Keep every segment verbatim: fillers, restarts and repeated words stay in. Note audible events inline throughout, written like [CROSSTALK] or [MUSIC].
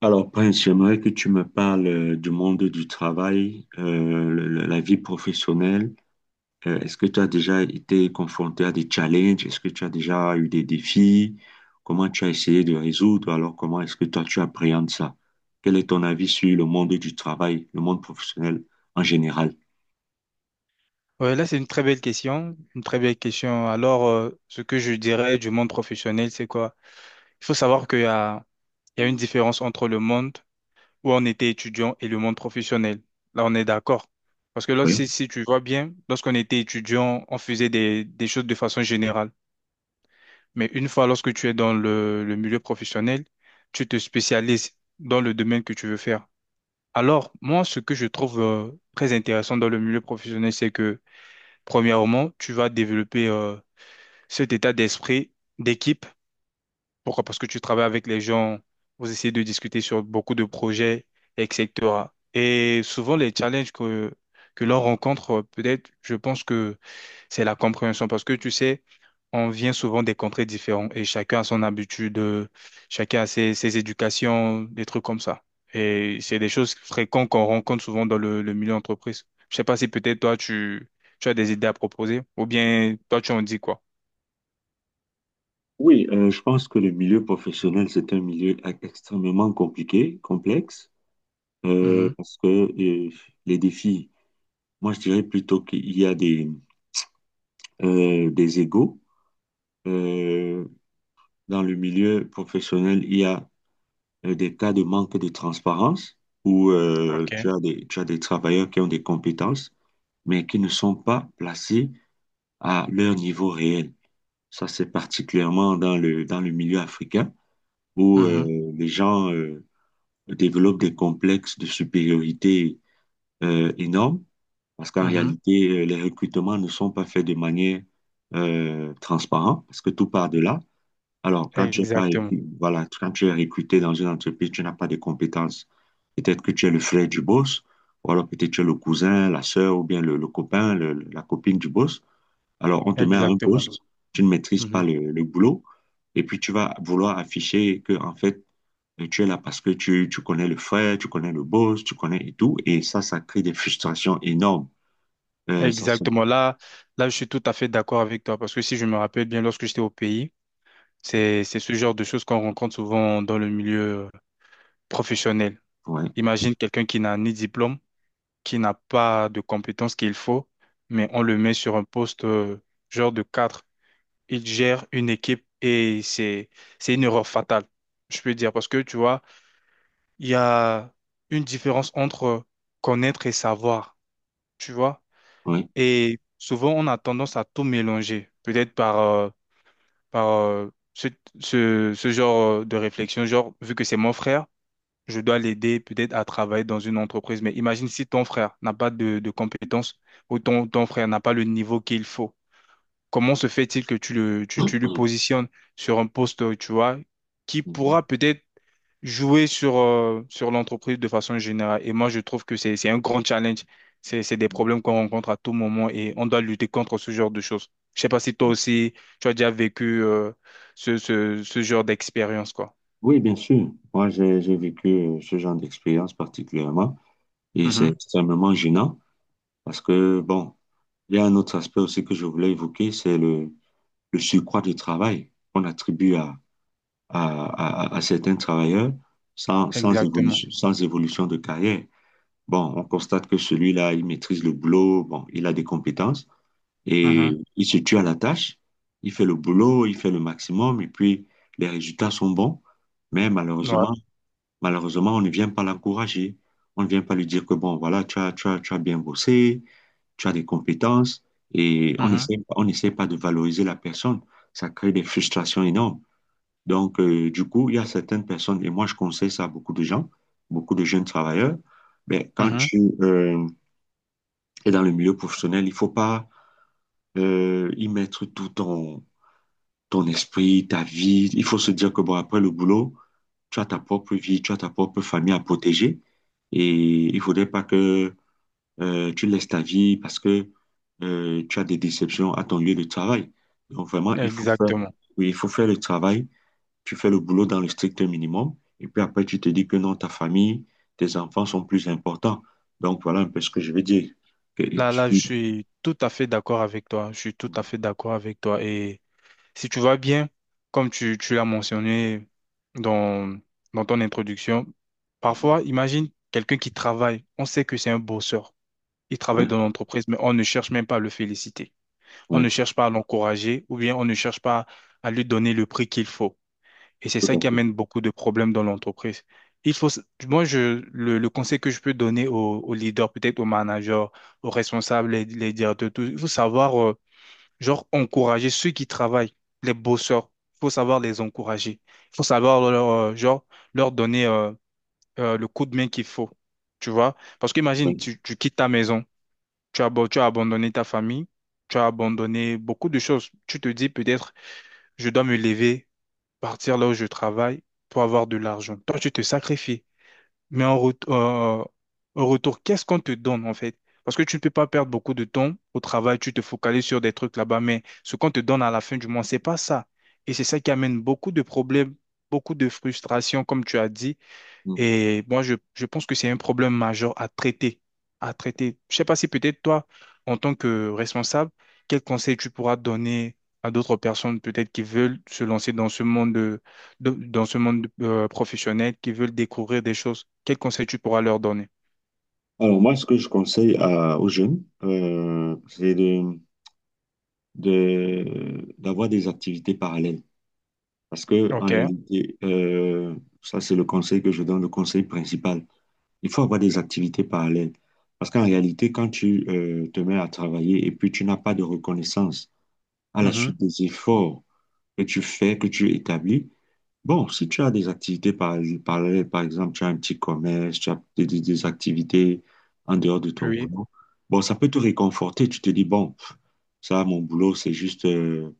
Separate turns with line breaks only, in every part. Alors, Prince, j'aimerais que tu me parles euh, du monde du travail, euh, le- le- la vie professionnelle. Euh, est-ce que tu as déjà été confronté à des challenges? Est-ce que tu as déjà eu des défis? Comment tu as essayé de résoudre? Alors, comment est-ce que toi, tu appréhendes ça? Quel est ton avis sur le monde du travail, le monde professionnel en général?
Ouais, là, c'est une très belle question, une très belle question. Alors, euh, ce que je dirais du monde professionnel, c'est quoi? Il faut savoir qu'il y a, il y a une différence entre le monde où on était étudiant et le monde professionnel. Là, on est d'accord. Parce que là, si,
Oui,
si tu vois bien, lorsqu'on était étudiant, on faisait des, des choses de façon générale. Mais une fois, lorsque tu es dans le, le milieu professionnel, tu te spécialises dans le domaine que tu veux faire. Alors, moi, ce que je trouve euh, très intéressant dans le milieu professionnel, c'est que, premièrement, tu vas développer... euh, cet état d'esprit d'équipe. Pourquoi? Parce que tu travailles avec les gens, vous essayez de discuter sur beaucoup de projets, et cetera. Et souvent, les challenges que, que l'on rencontre, peut-être, je pense que c'est la compréhension. Parce que tu sais, on vient souvent des contrées différentes et chacun a son habitude, euh, chacun a ses, ses éducations, des trucs comme ça. Et c'est des choses fréquentes qu'on rencontre souvent dans le, le milieu entreprise. Je sais pas si peut-être toi, tu, tu as des idées à proposer ou bien toi, tu en dis quoi?
oui, euh, je pense que le milieu professionnel, c'est un milieu e- extrêmement compliqué, complexe, euh,
Mhm.
parce que euh, les défis, moi je dirais plutôt qu'il y a des, euh, des égaux. Euh, Dans le milieu professionnel, il y a euh, des cas de manque de transparence où euh,
Ok.
tu as des, tu as des travailleurs qui ont des compétences, mais qui ne sont pas placés à leur niveau réel. Ça, c'est particulièrement dans le, dans le milieu africain où euh,
Mhm,
les gens euh, développent des complexes de supériorité euh, énormes parce qu'en
mhm.
réalité, euh, les recrutements ne sont pas faits de manière euh, transparente parce que tout part de là. Alors, quand tu es pas,
Exactement,
recru- voilà, quand tu es recruté dans une entreprise, tu n'as pas de compétences. Peut-être que tu es le frère du boss, ou alors peut-être que tu es le cousin, la sœur, ou bien le, le copain, le- la copine du boss. Alors, on te met à un
exactement,
poste, tu ne maîtrises pas
mhm.
le, le boulot, et puis tu vas vouloir afficher que, en fait, et tu es là parce que tu, tu connais le frère, tu connais le boss, tu connais et tout. Et ça, ça crée des frustrations énormes. Euh, ça, c'est...
Exactement. Là, là, je suis tout à fait d'accord avec toi parce que si je me rappelle bien, lorsque j'étais au pays, c'est, c'est ce genre de choses qu'on rencontre souvent dans le milieu euh, professionnel.
Ouais,
Imagine quelqu'un qui n'a ni diplôme, qui n'a pas de compétences qu'il faut, mais on le met sur un poste euh, genre de cadre. Il gère une équipe et c'est, c'est une erreur fatale, je peux dire, parce que tu vois, il y a une différence entre connaître et savoir. Tu vois.
ouais.
Et souvent, on a tendance à tout mélanger, peut-être par, euh, par euh, ce, ce, ce genre euh, de réflexion, genre, vu que c'est mon frère, je dois l'aider peut-être à travailler dans une entreprise. Mais imagine si ton frère n'a pas de, de compétences ou ton, ton frère n'a pas le niveau qu'il faut. Comment se fait-il que tu le, tu, tu lui
[CLEARS THROAT]
positionnes sur un poste, tu vois, qui pourra peut-être jouer sur, euh, sur l'entreprise de façon générale. Et moi, je trouve que c'est, c'est un grand challenge. C'est, c'est des
Mhm.
problèmes qu'on rencontre à tout moment et on doit lutter contre ce genre de choses. Je sais pas si toi aussi, tu as déjà vécu, euh, ce, ce, ce genre d'expérience, quoi.
Oui, bien sûr. Moi, j'ai j'ai vécu euh, ce genre d'expérience particulièrement et c'est
Mhm.
extrêmement gênant parce que, bon, il y a un autre aspect aussi que je voulais évoquer, c'est le, le surcroît de travail qu'on attribue à, à, à- à certains travailleurs sans, sans
Exactement.
évolution, sans évolution de carrière. Bon, on constate que celui-là, il maîtrise le boulot, bon, il a des compétences et
Mhm.
il se tue à la tâche. Il fait le boulot, il fait le maximum et puis les résultats sont bons. Mais Mhm.
Ouais.
malheureusement, Malheureusement, on ne vient pas l'encourager. On ne vient pas lui dire que, bon, voilà, tu as, tu as, tu as bien bossé, tu as des compétences, et on
Mhm.
n'essaie on n'essaie pas de valoriser la personne. Ça crée des frustrations énormes. Donc, euh, du coup, il y a certaines personnes, et moi je conseille ça à beaucoup de gens, beaucoup de jeunes travailleurs, mais quand
Mhm.
tu euh, es dans le milieu professionnel, il ne faut pas euh, y mettre tout ton, ton esprit, ta vie. Il faut se dire que bon, après le boulot, tu as ta propre vie, tu as ta propre famille à protéger. Et il faudrait pas que euh, tu laisses ta vie parce que euh, tu as des déceptions à ton lieu de travail. Donc vraiment, il faut faire,
Exactement.
oui, il faut faire le travail. Tu fais le boulot dans le strict minimum. Et puis après, tu te dis que non, ta famille, tes enfants sont plus importants. Donc voilà un peu ce que je veux dire. Que
Là, là, je
tu...
suis tout à fait d'accord avec toi. Je suis tout à fait d'accord avec toi. Et si tu vas bien, comme tu, tu l'as mentionné dans, dans ton introduction,
Mhm.
parfois, imagine quelqu'un qui travaille. On sait que c'est un bosseur. Il travaille
Oui,
dans l'entreprise, mais on ne cherche même pas à le féliciter. On ne
oui,
cherche pas à l'encourager ou bien on ne cherche pas à lui donner le prix qu'il faut. Et c'est
tout
ça
à
qui
fait.
amène beaucoup de problèmes dans l'entreprise. Il faut, s- moi, je, le, le conseil que je peux donner aux, aux leaders, peut-être aux managers, aux responsables, les, les directeurs, tout, il faut savoir euh, genre, encourager ceux qui travaillent, les bosseurs. Il faut savoir les encourager. Il faut savoir leur, euh, genre, leur donner euh, euh, le coup de main qu'il faut. Tu vois? Parce qu'imagine, tu, tu quittes ta maison, tu as, abo- tu as abandonné ta famille, tu as abandonné beaucoup de choses. Tu te dis peut-être, je dois me lever, partir là où je travaille pour avoir de l'argent. Toi, tu te sacrifies. Mais en, ret- euh, en retour, qu'est-ce qu'on te donne en fait? Parce que tu ne peux pas perdre beaucoup de temps au travail, tu te focalises sur des trucs là-bas, mais ce qu'on te donne à la fin du mois, c'est pas ça. Et c'est ça qui amène beaucoup de problèmes, beaucoup de frustrations, comme tu as dit,
Oui.
et moi, je, je pense que c'est un problème majeur à traiter, à traiter. Je sais pas si peut-être toi, en tant que responsable, quel conseil tu pourras donner à d'autres personnes peut-être qui veulent se lancer dans ce monde, de- de- dans ce monde euh, professionnel, qui veulent découvrir des choses. Quel conseil tu pourras leur donner?
Alors moi, ce que je conseille à- aux jeunes, euh, c'est de, de- d'avoir des activités parallèles. Parce que en
OK.
réalité, euh, ça c'est le conseil que je donne, le conseil principal. Il faut avoir des activités parallèles. Parce qu'en réalité, quand tu euh, te mets à travailler et puis tu n'as pas de reconnaissance à la
Mhm.
suite des efforts que tu fais, que tu établis, bon, si tu as des activités par- parallèles, par exemple, tu as un petit commerce, tu as des, des- des activités en dehors de ton
Oui.
boulot, bon, ça peut te réconforter. Tu te dis, bon, pff, ça, mon boulot, c'est juste, euh,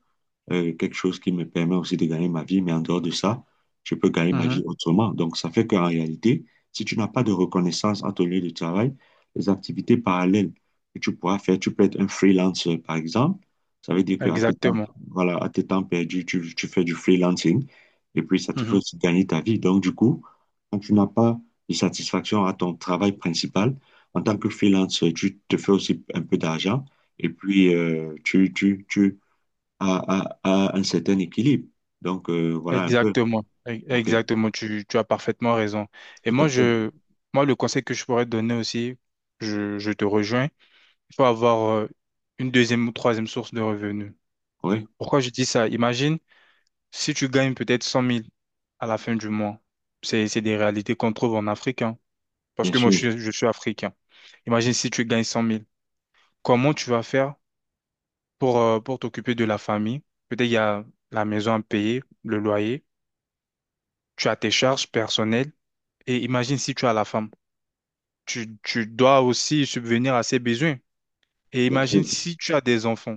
euh, quelque chose qui me permet aussi de gagner ma vie, mais en dehors de ça, je peux gagner ma
Mhm.
vie autrement. Donc, ça fait qu'en réalité, si tu n'as pas de reconnaissance à ton lieu de travail, les activités parallèles que tu pourras faire, tu peux être un freelancer, par exemple. Ça veut dire qu'à tes temps,
Exactement.
voilà, à tes temps perdus, tu, tu fais du freelancing et puis ça te fait
Mhm.
aussi gagner ta vie. Donc, du coup, quand tu n'as pas de satisfaction à ton travail principal, en tant que freelance, tu te fais aussi un peu d'argent et puis euh, tu, tu, tu, à, à- à un certain équilibre. Donc, euh, voilà un peu.
Exactement. E-
OK,
Exactement. Tu, tu as parfaitement raison. Et
tout à
moi,
fait.
je, moi, le conseil que je pourrais te donner aussi, je, je te rejoins. Il faut avoir euh, une deuxième ou troisième source de revenus.
Oui,
Pourquoi je dis ça? Imagine si tu gagnes peut-être cent mille à la fin du mois. C'est, c'est des réalités qu'on trouve en Afrique, hein. Parce
bien
que moi, je
sûr,
suis, je suis africain. Imagine si tu gagnes cent mille. Comment tu vas faire pour, euh, pour t'occuper de la famille? Peut-être il y a la maison à payer, le loyer, tu as tes charges personnelles. Et imagine si tu as la femme. Tu, tu dois aussi subvenir à ses besoins. Et
bien sûr,
imagine si tu as des enfants.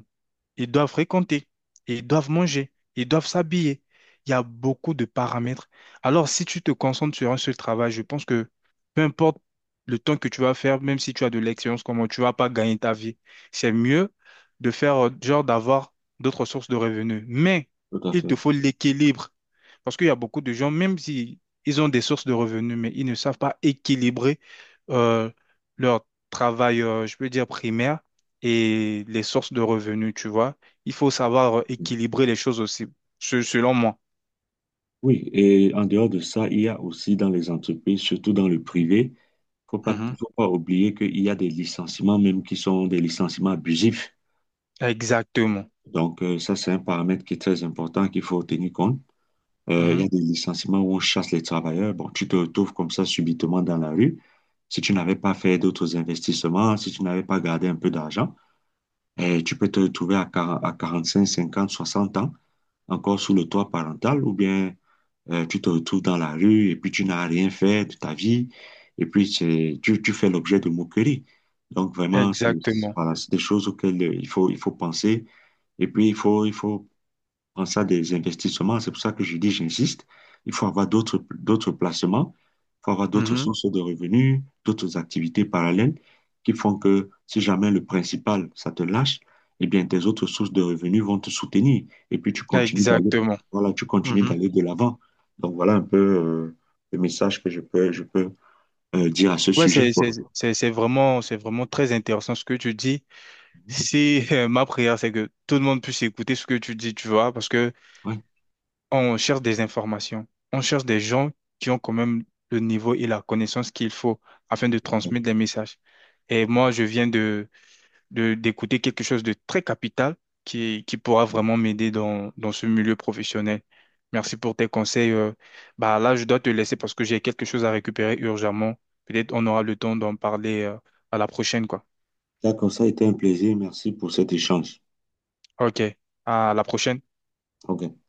Ils doivent fréquenter, ils doivent manger, ils doivent s'habiller. Il y a beaucoup de paramètres. Alors, si tu te concentres sur un seul travail, je pense que peu importe le temps que tu vas faire, même si tu as de l'expérience, comment tu vas pas gagner ta vie, c'est mieux de faire, euh, genre, d'avoir d'autres sources de revenus. Mais
tout à
il
fait.
te faut l'équilibre. Parce qu'il y a beaucoup de gens, même si ils ont des sources de revenus, mais ils ne savent pas équilibrer euh, leur travail, euh, je peux dire, primaire et les sources de revenus, tu vois. Il faut savoir équilibrer les choses aussi, se- selon moi.
Oui, et en dehors de ça, il y a aussi dans les entreprises, surtout dans le privé, faut pas,
Mhm.
faut pas oublier qu'il y a des licenciements même qui sont des licenciements abusifs.
Exactement.
Donc, euh, ça, c'est un paramètre qui est très important qu'il faut tenir compte. Euh, il y
Mhm.
a des licenciements où on chasse les travailleurs. Bon, tu te retrouves comme ça subitement dans la rue. Si tu n'avais pas fait d'autres investissements, si tu n'avais pas gardé un peu d'argent, et tu peux te retrouver à, quar- à quarante cinq, cinquante, soixante ans, encore sous le toit parental, ou bien euh, tu te retrouves dans la rue et puis tu n'as rien fait de ta vie, et puis c'est- tu, tu fais l'objet de moqueries. Donc vraiment, c'est,
Exactement.
voilà, c'est des choses auxquelles euh, il faut, il faut penser, et puis il faut, il faut en ça des investissements. C'est pour ça que je dis, j'insiste, il faut avoir d'autres, d'autres placements, il faut avoir d'autres
Mhm.
sources de revenus, d'autres activités parallèles qui font que si jamais le principal, ça te lâche, eh bien, tes autres sources de revenus vont te soutenir. Et puis, tu continues d'aller,
Exactement.
voilà, tu continues
Mhm.
d'aller de l'avant. Donc, voilà un peu euh, le message que je peux, je peux euh, dire à ce
Ouais,
sujet,
c'est,
quoi.
c'est, c'est, c'est vraiment, c'est vraiment très intéressant ce que tu dis. Si [LAUGHS] ma prière, c'est que tout le monde puisse écouter ce que tu dis, tu vois, parce que
Ouais.
on cherche des informations. On cherche des gens qui ont quand même le niveau et la connaissance qu'il faut afin de transmettre des messages. Et moi, je viens de de, d'écouter quelque chose de très capital qui, qui pourra vraiment m'aider dans, dans ce milieu professionnel. Merci pour tes conseils. euh. Bah là, je dois te laisser parce que j'ai quelque chose à récupérer urgemment. Peut-être on aura le temps d'en parler, euh, à la prochaine, quoi.
D'accord, ça a été un plaisir. Merci pour cet échange.
OK. À la prochaine.
OK.